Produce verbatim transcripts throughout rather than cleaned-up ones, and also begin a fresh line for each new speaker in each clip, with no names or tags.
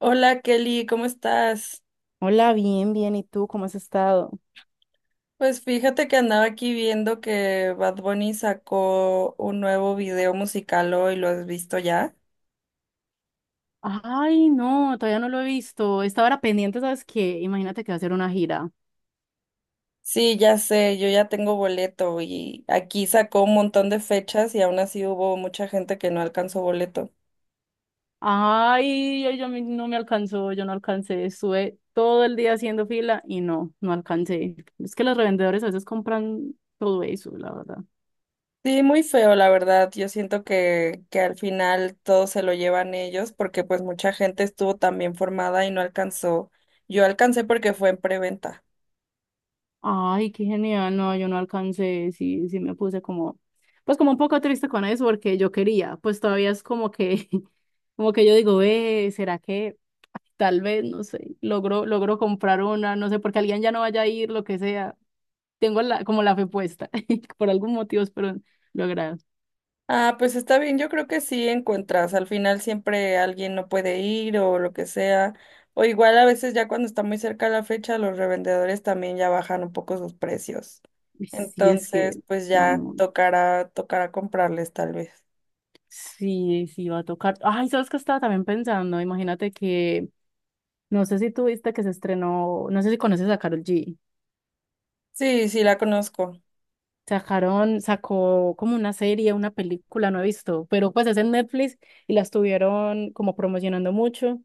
Hola Kelly, ¿cómo estás?
Hola, bien, bien. ¿Y tú cómo has estado?
Pues fíjate que andaba aquí viendo que Bad Bunny sacó un nuevo video musical hoy, ¿lo has visto ya?
Ay, no, todavía no lo he visto. Estaba era pendiente, ¿sabes qué? Imagínate que va a hacer una gira.
Sí, ya sé, yo ya tengo boleto y aquí sacó un montón de fechas y aún así hubo mucha gente que no alcanzó boleto.
Ay, ay, yo me no me alcanzó, yo no alcancé. Estuve todo el día haciendo fila y no, no alcancé. Es que los revendedores a veces compran todo eso, la verdad.
Sí, muy feo, la verdad. Yo siento que, que al final todo se lo llevan ellos porque pues mucha gente estuvo también formada y no alcanzó. Yo alcancé porque fue en preventa.
Ay, qué genial. No, yo no alcancé, sí, sí me puse como, pues como un poco triste con eso porque yo quería, pues todavía es como que, como que yo digo, ve, ¿será que tal vez, no sé, logro, logro comprar una, no sé, porque alguien ya no vaya a ir, lo que sea? Tengo la, como la fe puesta, por algún motivo espero lograr.
Ah, pues está bien, yo creo que sí encuentras, al final siempre alguien no puede ir o lo que sea, o igual a veces ya cuando está muy cerca la fecha, los revendedores también ya bajan un poco sus precios.
Y sí, es
Entonces,
que,
pues ya
bueno,
tocará, tocará comprarles tal vez.
sí, sí va a tocar. Ay, ¿sabes qué estaba también pensando? Imagínate que, no sé si tú viste que se estrenó, no sé si conoces a Karol G.
Sí, sí la conozco.
Sacaron, sacó como una serie, una película, no he visto, pero pues es en Netflix y la estuvieron como promocionando mucho.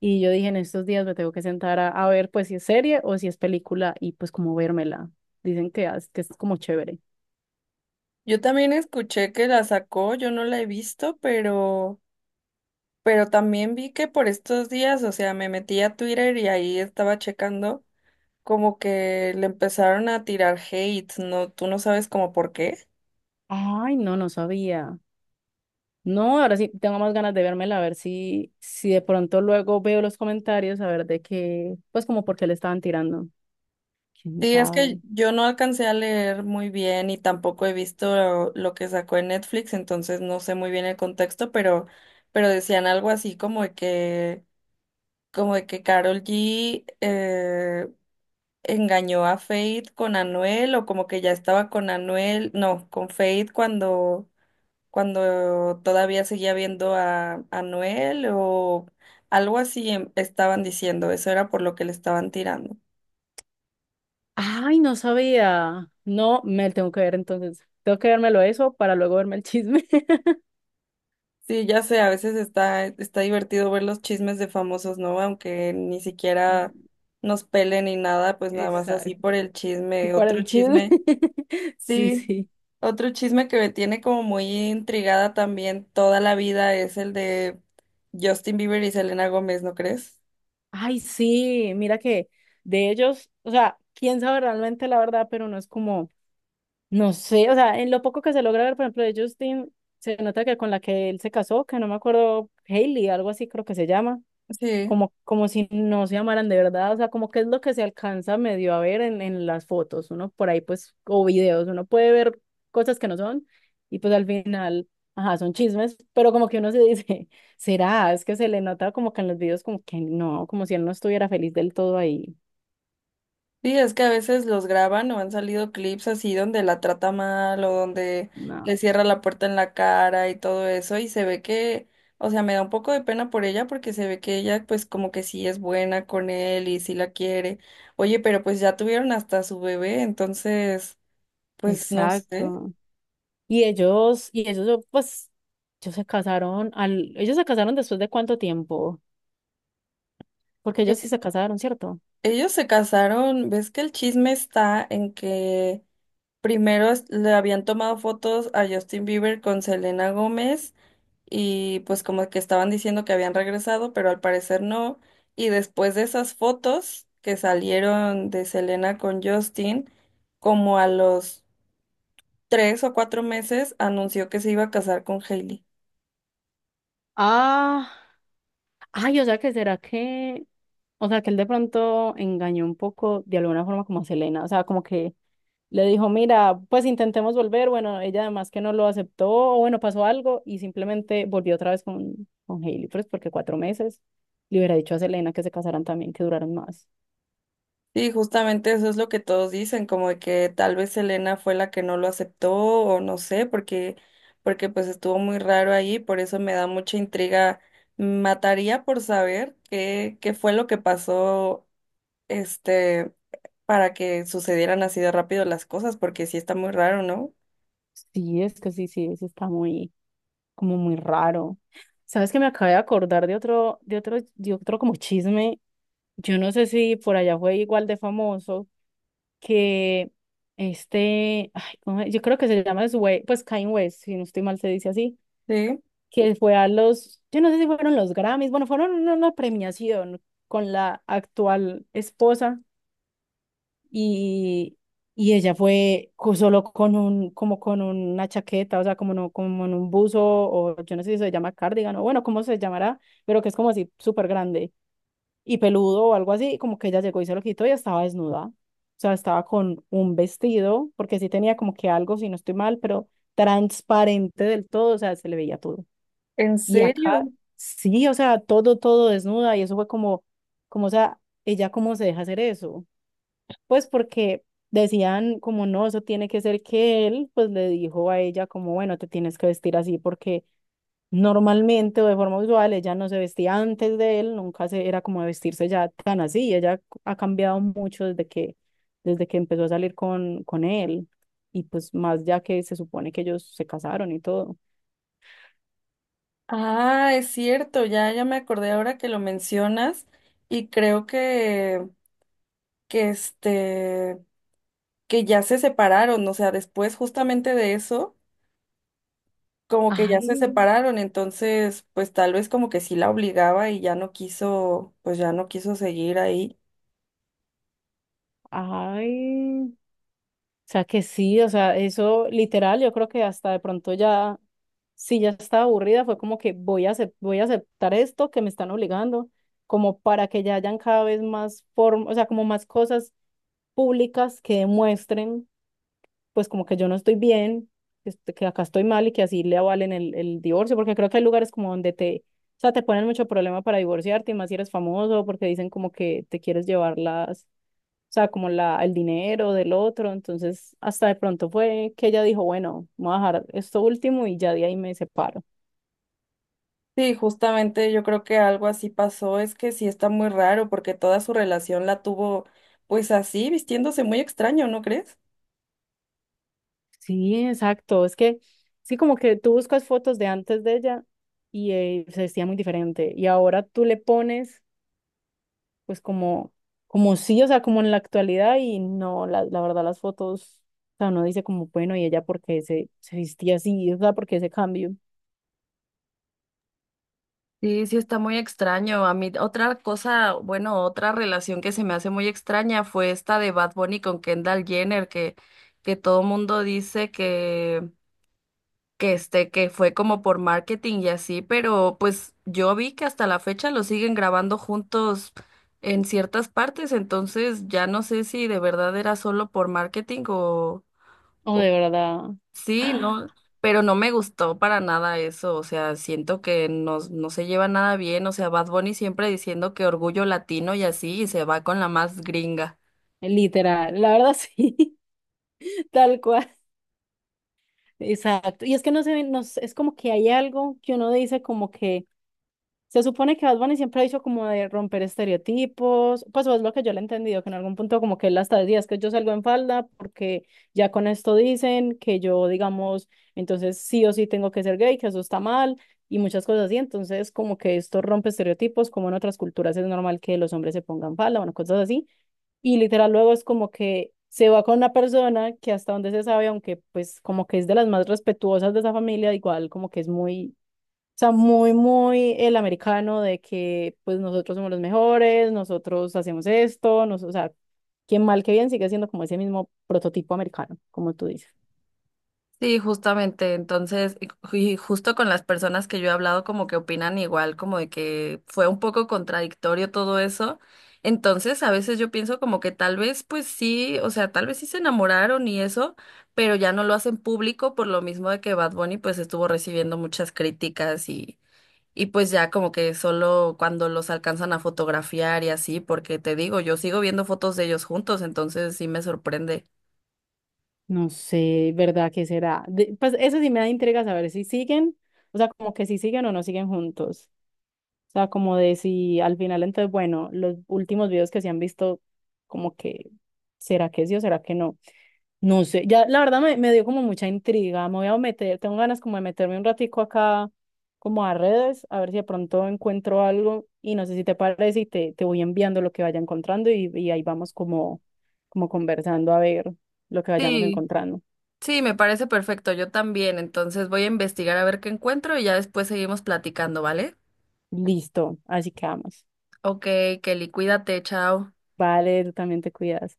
Y yo dije, en estos días me tengo que sentar a, a ver pues si es serie o si es película y pues como vérmela. Dicen que, as- que es como chévere.
Yo también escuché que la sacó, yo no la he visto, pero, pero también vi que por estos días, o sea, me metí a Twitter y ahí estaba checando. Como que le empezaron a tirar hate, no, tú no sabes como por qué.
Ay, no, no sabía. No, ahora sí tengo más ganas de vérmela, a ver si, si de pronto luego veo los comentarios, a ver de qué, pues como por qué le estaban tirando. ¿Quién
Sí, es
sabe?
que yo no alcancé a leer muy bien y tampoco he visto lo, lo que sacó en Netflix, entonces no sé muy bien el contexto, pero, pero decían algo así como de que, como de que Karol G eh, engañó a Fate con Anuel, o como que ya estaba con Anuel, no, con Fate cuando cuando todavía seguía viendo a, a Noel o algo así em- estaban diciendo, eso era por lo que le estaban tirando.
Ay, no sabía. No, me lo tengo que ver entonces. Tengo que vérmelo eso para luego verme el chisme.
Sí, ya sé, a veces está, está divertido ver los chismes de famosos, ¿no? Aunque ni siquiera
Sí,
nos pelen ni nada, pues nada más así por
exacto.
el
Y
chisme,
para
otro
el chisme.
chisme.
Sí,
Sí,
sí.
otro chisme que me tiene como muy intrigada también toda la vida es el de Justin Bieber y Selena Gómez, ¿no crees?
Ay, sí, mira que de ellos, o sea, quién sabe realmente la verdad, pero no es como, no sé, o sea, en lo poco que se logra ver, por ejemplo, de Justin, se nota que con la que él se casó, que no me acuerdo, Hailey, algo así creo que se llama.
Sí.
Como, como si no se amaran de verdad, o sea, como que es lo que se alcanza medio a ver en, en las fotos, uno por ahí pues, o videos, uno puede ver cosas que no son y pues al final, ajá, son chismes, pero como que uno se dice, será, es que se le nota como que en los videos como que no, como si él no estuviera feliz del todo ahí.
Sí, es que a veces los graban o han salido clips así donde la trata mal o donde le
No.
cierra la puerta en la cara y todo eso y se ve que, o sea, me da un poco de pena por ella porque se ve que ella pues como que sí es buena con él y sí la quiere. Oye, pero pues ya tuvieron hasta su bebé, entonces, pues no sé.
Exacto. Y ellos, y ellos, pues, ellos se casaron al, ellos se casaron después de cuánto tiempo, porque ellos sí
E-
se casaron, ¿cierto?
Ellos se casaron, ves que el chisme está en que primero es- le habían tomado fotos a Justin Bieber con Selena Gómez. Y pues como que estaban diciendo que habían regresado, pero al parecer no. Y después de esas fotos que salieron de Selena con Justin, como a los tres o cuatro meses, anunció que se iba a casar con Hailey.
Ah, ay, o sea que será que, o sea, que él de pronto engañó un poco de alguna forma como a Selena, o sea, como que le dijo, mira, pues intentemos volver, bueno, ella además que no lo aceptó, o bueno, pasó algo y simplemente volvió otra vez con, con Hailey, pues porque cuatro meses le hubiera dicho a Selena que se casaran también, que duraran más.
Y justamente eso es lo que todos dicen, como de que tal vez Selena fue la que no lo aceptó o no sé, porque, porque pues estuvo muy raro ahí, por eso me da mucha intriga. Mataría por saber qué, qué fue lo que pasó este, para que sucedieran así de rápido las cosas, porque sí está muy raro, ¿no?
Sí, es que sí, sí, eso está muy, como muy raro. ¿Sabes que me acabé de acordar de otro, de otro, de otro como chisme? Yo no sé si por allá fue igual de famoso que este, ay, ¿cómo es? Yo creo que se llama Sway, pues Kanye West, si no estoy mal se dice así,
Sí,
que fue a los, yo no sé si fueron los Grammys, bueno, fueron una, una premiación con la actual esposa y, y ella fue co- solo con un, como con una chaqueta, o sea, como, no, como en un buzo, o yo no sé si se llama cardigan, o bueno, cómo se llamará, pero que es como así súper grande y peludo o algo así, y como que ella llegó y se lo quitó y estaba desnuda. O sea, estaba con un vestido, porque sí tenía como que algo, si no estoy mal, pero transparente del todo, o sea, se le veía todo.
¿en
Y
serio?
acá, sí, o sea, todo, todo desnuda, y eso fue como, como, o sea, ella cómo se deja hacer eso. Pues porque decían como no, eso tiene que ser que él, pues le dijo a ella como, bueno, te tienes que vestir así porque normalmente o de forma usual, ella no se vestía antes de él, nunca se, era como de vestirse ya tan así. Ella ha cambiado mucho desde que, desde que empezó a salir con, con él. Y pues más ya que se supone que ellos se casaron y todo.
Ah, es cierto, ya, ya me acordé ahora que lo mencionas y creo que, que este, que ya se separaron, o sea, después justamente de eso, como que ya se
Ay,
separaron, entonces, pues tal vez como que sí la obligaba y ya no quiso, pues ya no quiso seguir ahí.
ay, o sea que sí, o sea, eso literal, yo creo que hasta de pronto ya, si ya estaba aburrida, fue como que voy a, acep- voy a aceptar esto que me están obligando, como para que ya hayan cada vez más formas, o sea, como más cosas públicas que demuestren, pues como que yo no estoy bien, este, que acá estoy mal y que así le avalen el, el divorcio, porque creo que hay lugares como donde te, o sea, te ponen mucho problema para divorciarte y más si eres famoso, porque dicen como que te quieres llevar las, o sea, como la, el dinero del otro, entonces hasta de pronto fue que ella dijo, bueno, voy a dejar esto último y ya de ahí me separo.
Sí, justamente yo creo que algo así pasó, es que sí está muy raro porque toda su relación la tuvo pues así, vistiéndose muy extraño, ¿no crees?
Sí, exacto, es que sí, como que tú buscas fotos de antes de ella y eh, se vestía muy diferente y ahora tú le pones pues como, como sí, o sea, como en la actualidad y no, la, la verdad las fotos, o sea, uno dice como, bueno, y ella porque se, se vestía así, o sea, porque ese cambio,
Sí, sí está muy extraño. A mí otra cosa, bueno, otra relación que se me hace muy extraña fue esta de Bad Bunny con Kendall Jenner, que, que todo mundo dice que este, que fue como por marketing y así, pero pues yo vi que hasta la fecha lo siguen grabando juntos en ciertas partes, entonces ya no sé si de verdad era solo por marketing o,
o
o
de verdad,
sí,
¡ah!
no, pero no me gustó para nada eso, o sea, siento que no, no se lleva nada bien, o sea, Bad Bunny siempre diciendo que orgullo latino y así, y se va con la más gringa.
Literal, la verdad sí, tal cual, exacto, y es que no se ve, no, sé, es como que hay algo que uno dice como que se supone que Bad Bunny siempre ha dicho como de romper estereotipos, pues eso es lo que yo le he entendido, que en algún punto como que él hasta decía, es que yo salgo en falda porque ya con esto dicen que yo, digamos, entonces sí o sí tengo que ser gay, que eso está mal y muchas cosas así, entonces como que esto rompe estereotipos, como en otras culturas es normal que los hombres se pongan falda, bueno, cosas así, y literal luego es como que se va con una persona que hasta donde se sabe, aunque pues como que es de las más respetuosas de esa familia, igual como que es muy, o sea, muy, muy el americano de que pues nosotros somos los mejores, nosotros hacemos esto, nos, o sea, quien mal que bien sigue siendo como ese mismo prototipo americano, como tú dices.
Sí, justamente. Entonces, y ju- y justo con las personas que yo he hablado, como que opinan igual, como de que fue un poco contradictorio todo eso. Entonces, a veces yo pienso como que tal vez, pues sí, o sea, tal vez sí se enamoraron y eso, pero ya no lo hacen público por lo mismo de que Bad Bunny pues estuvo recibiendo muchas críticas y, y pues ya como que solo cuando los alcanzan a fotografiar y así, porque te digo, yo sigo viendo fotos de ellos juntos, entonces sí me sorprende.
No sé, ¿verdad? ¿Qué será? De- pues eso sí me da intriga saber si siguen, o sea, como que si siguen o no siguen juntos. O sea, como de si al final, entonces, bueno, los últimos videos que se han visto, como que, ¿será que sí o será que no? No sé, ya la verdad me, me dio como mucha intriga, me voy a meter, tengo ganas como de meterme un ratico acá como a redes, a ver si de pronto encuentro algo y no sé si te parece y te, te voy enviando lo que vaya encontrando y, y ahí vamos como, como conversando a ver lo que vayamos
Sí,
encontrando.
Sí, me parece perfecto, yo también. Entonces voy a investigar a ver qué encuentro y ya después seguimos platicando, ¿vale?
Listo, así que vamos.
Ok, Kelly, cuídate, chao.
Vale, tú también te cuidas.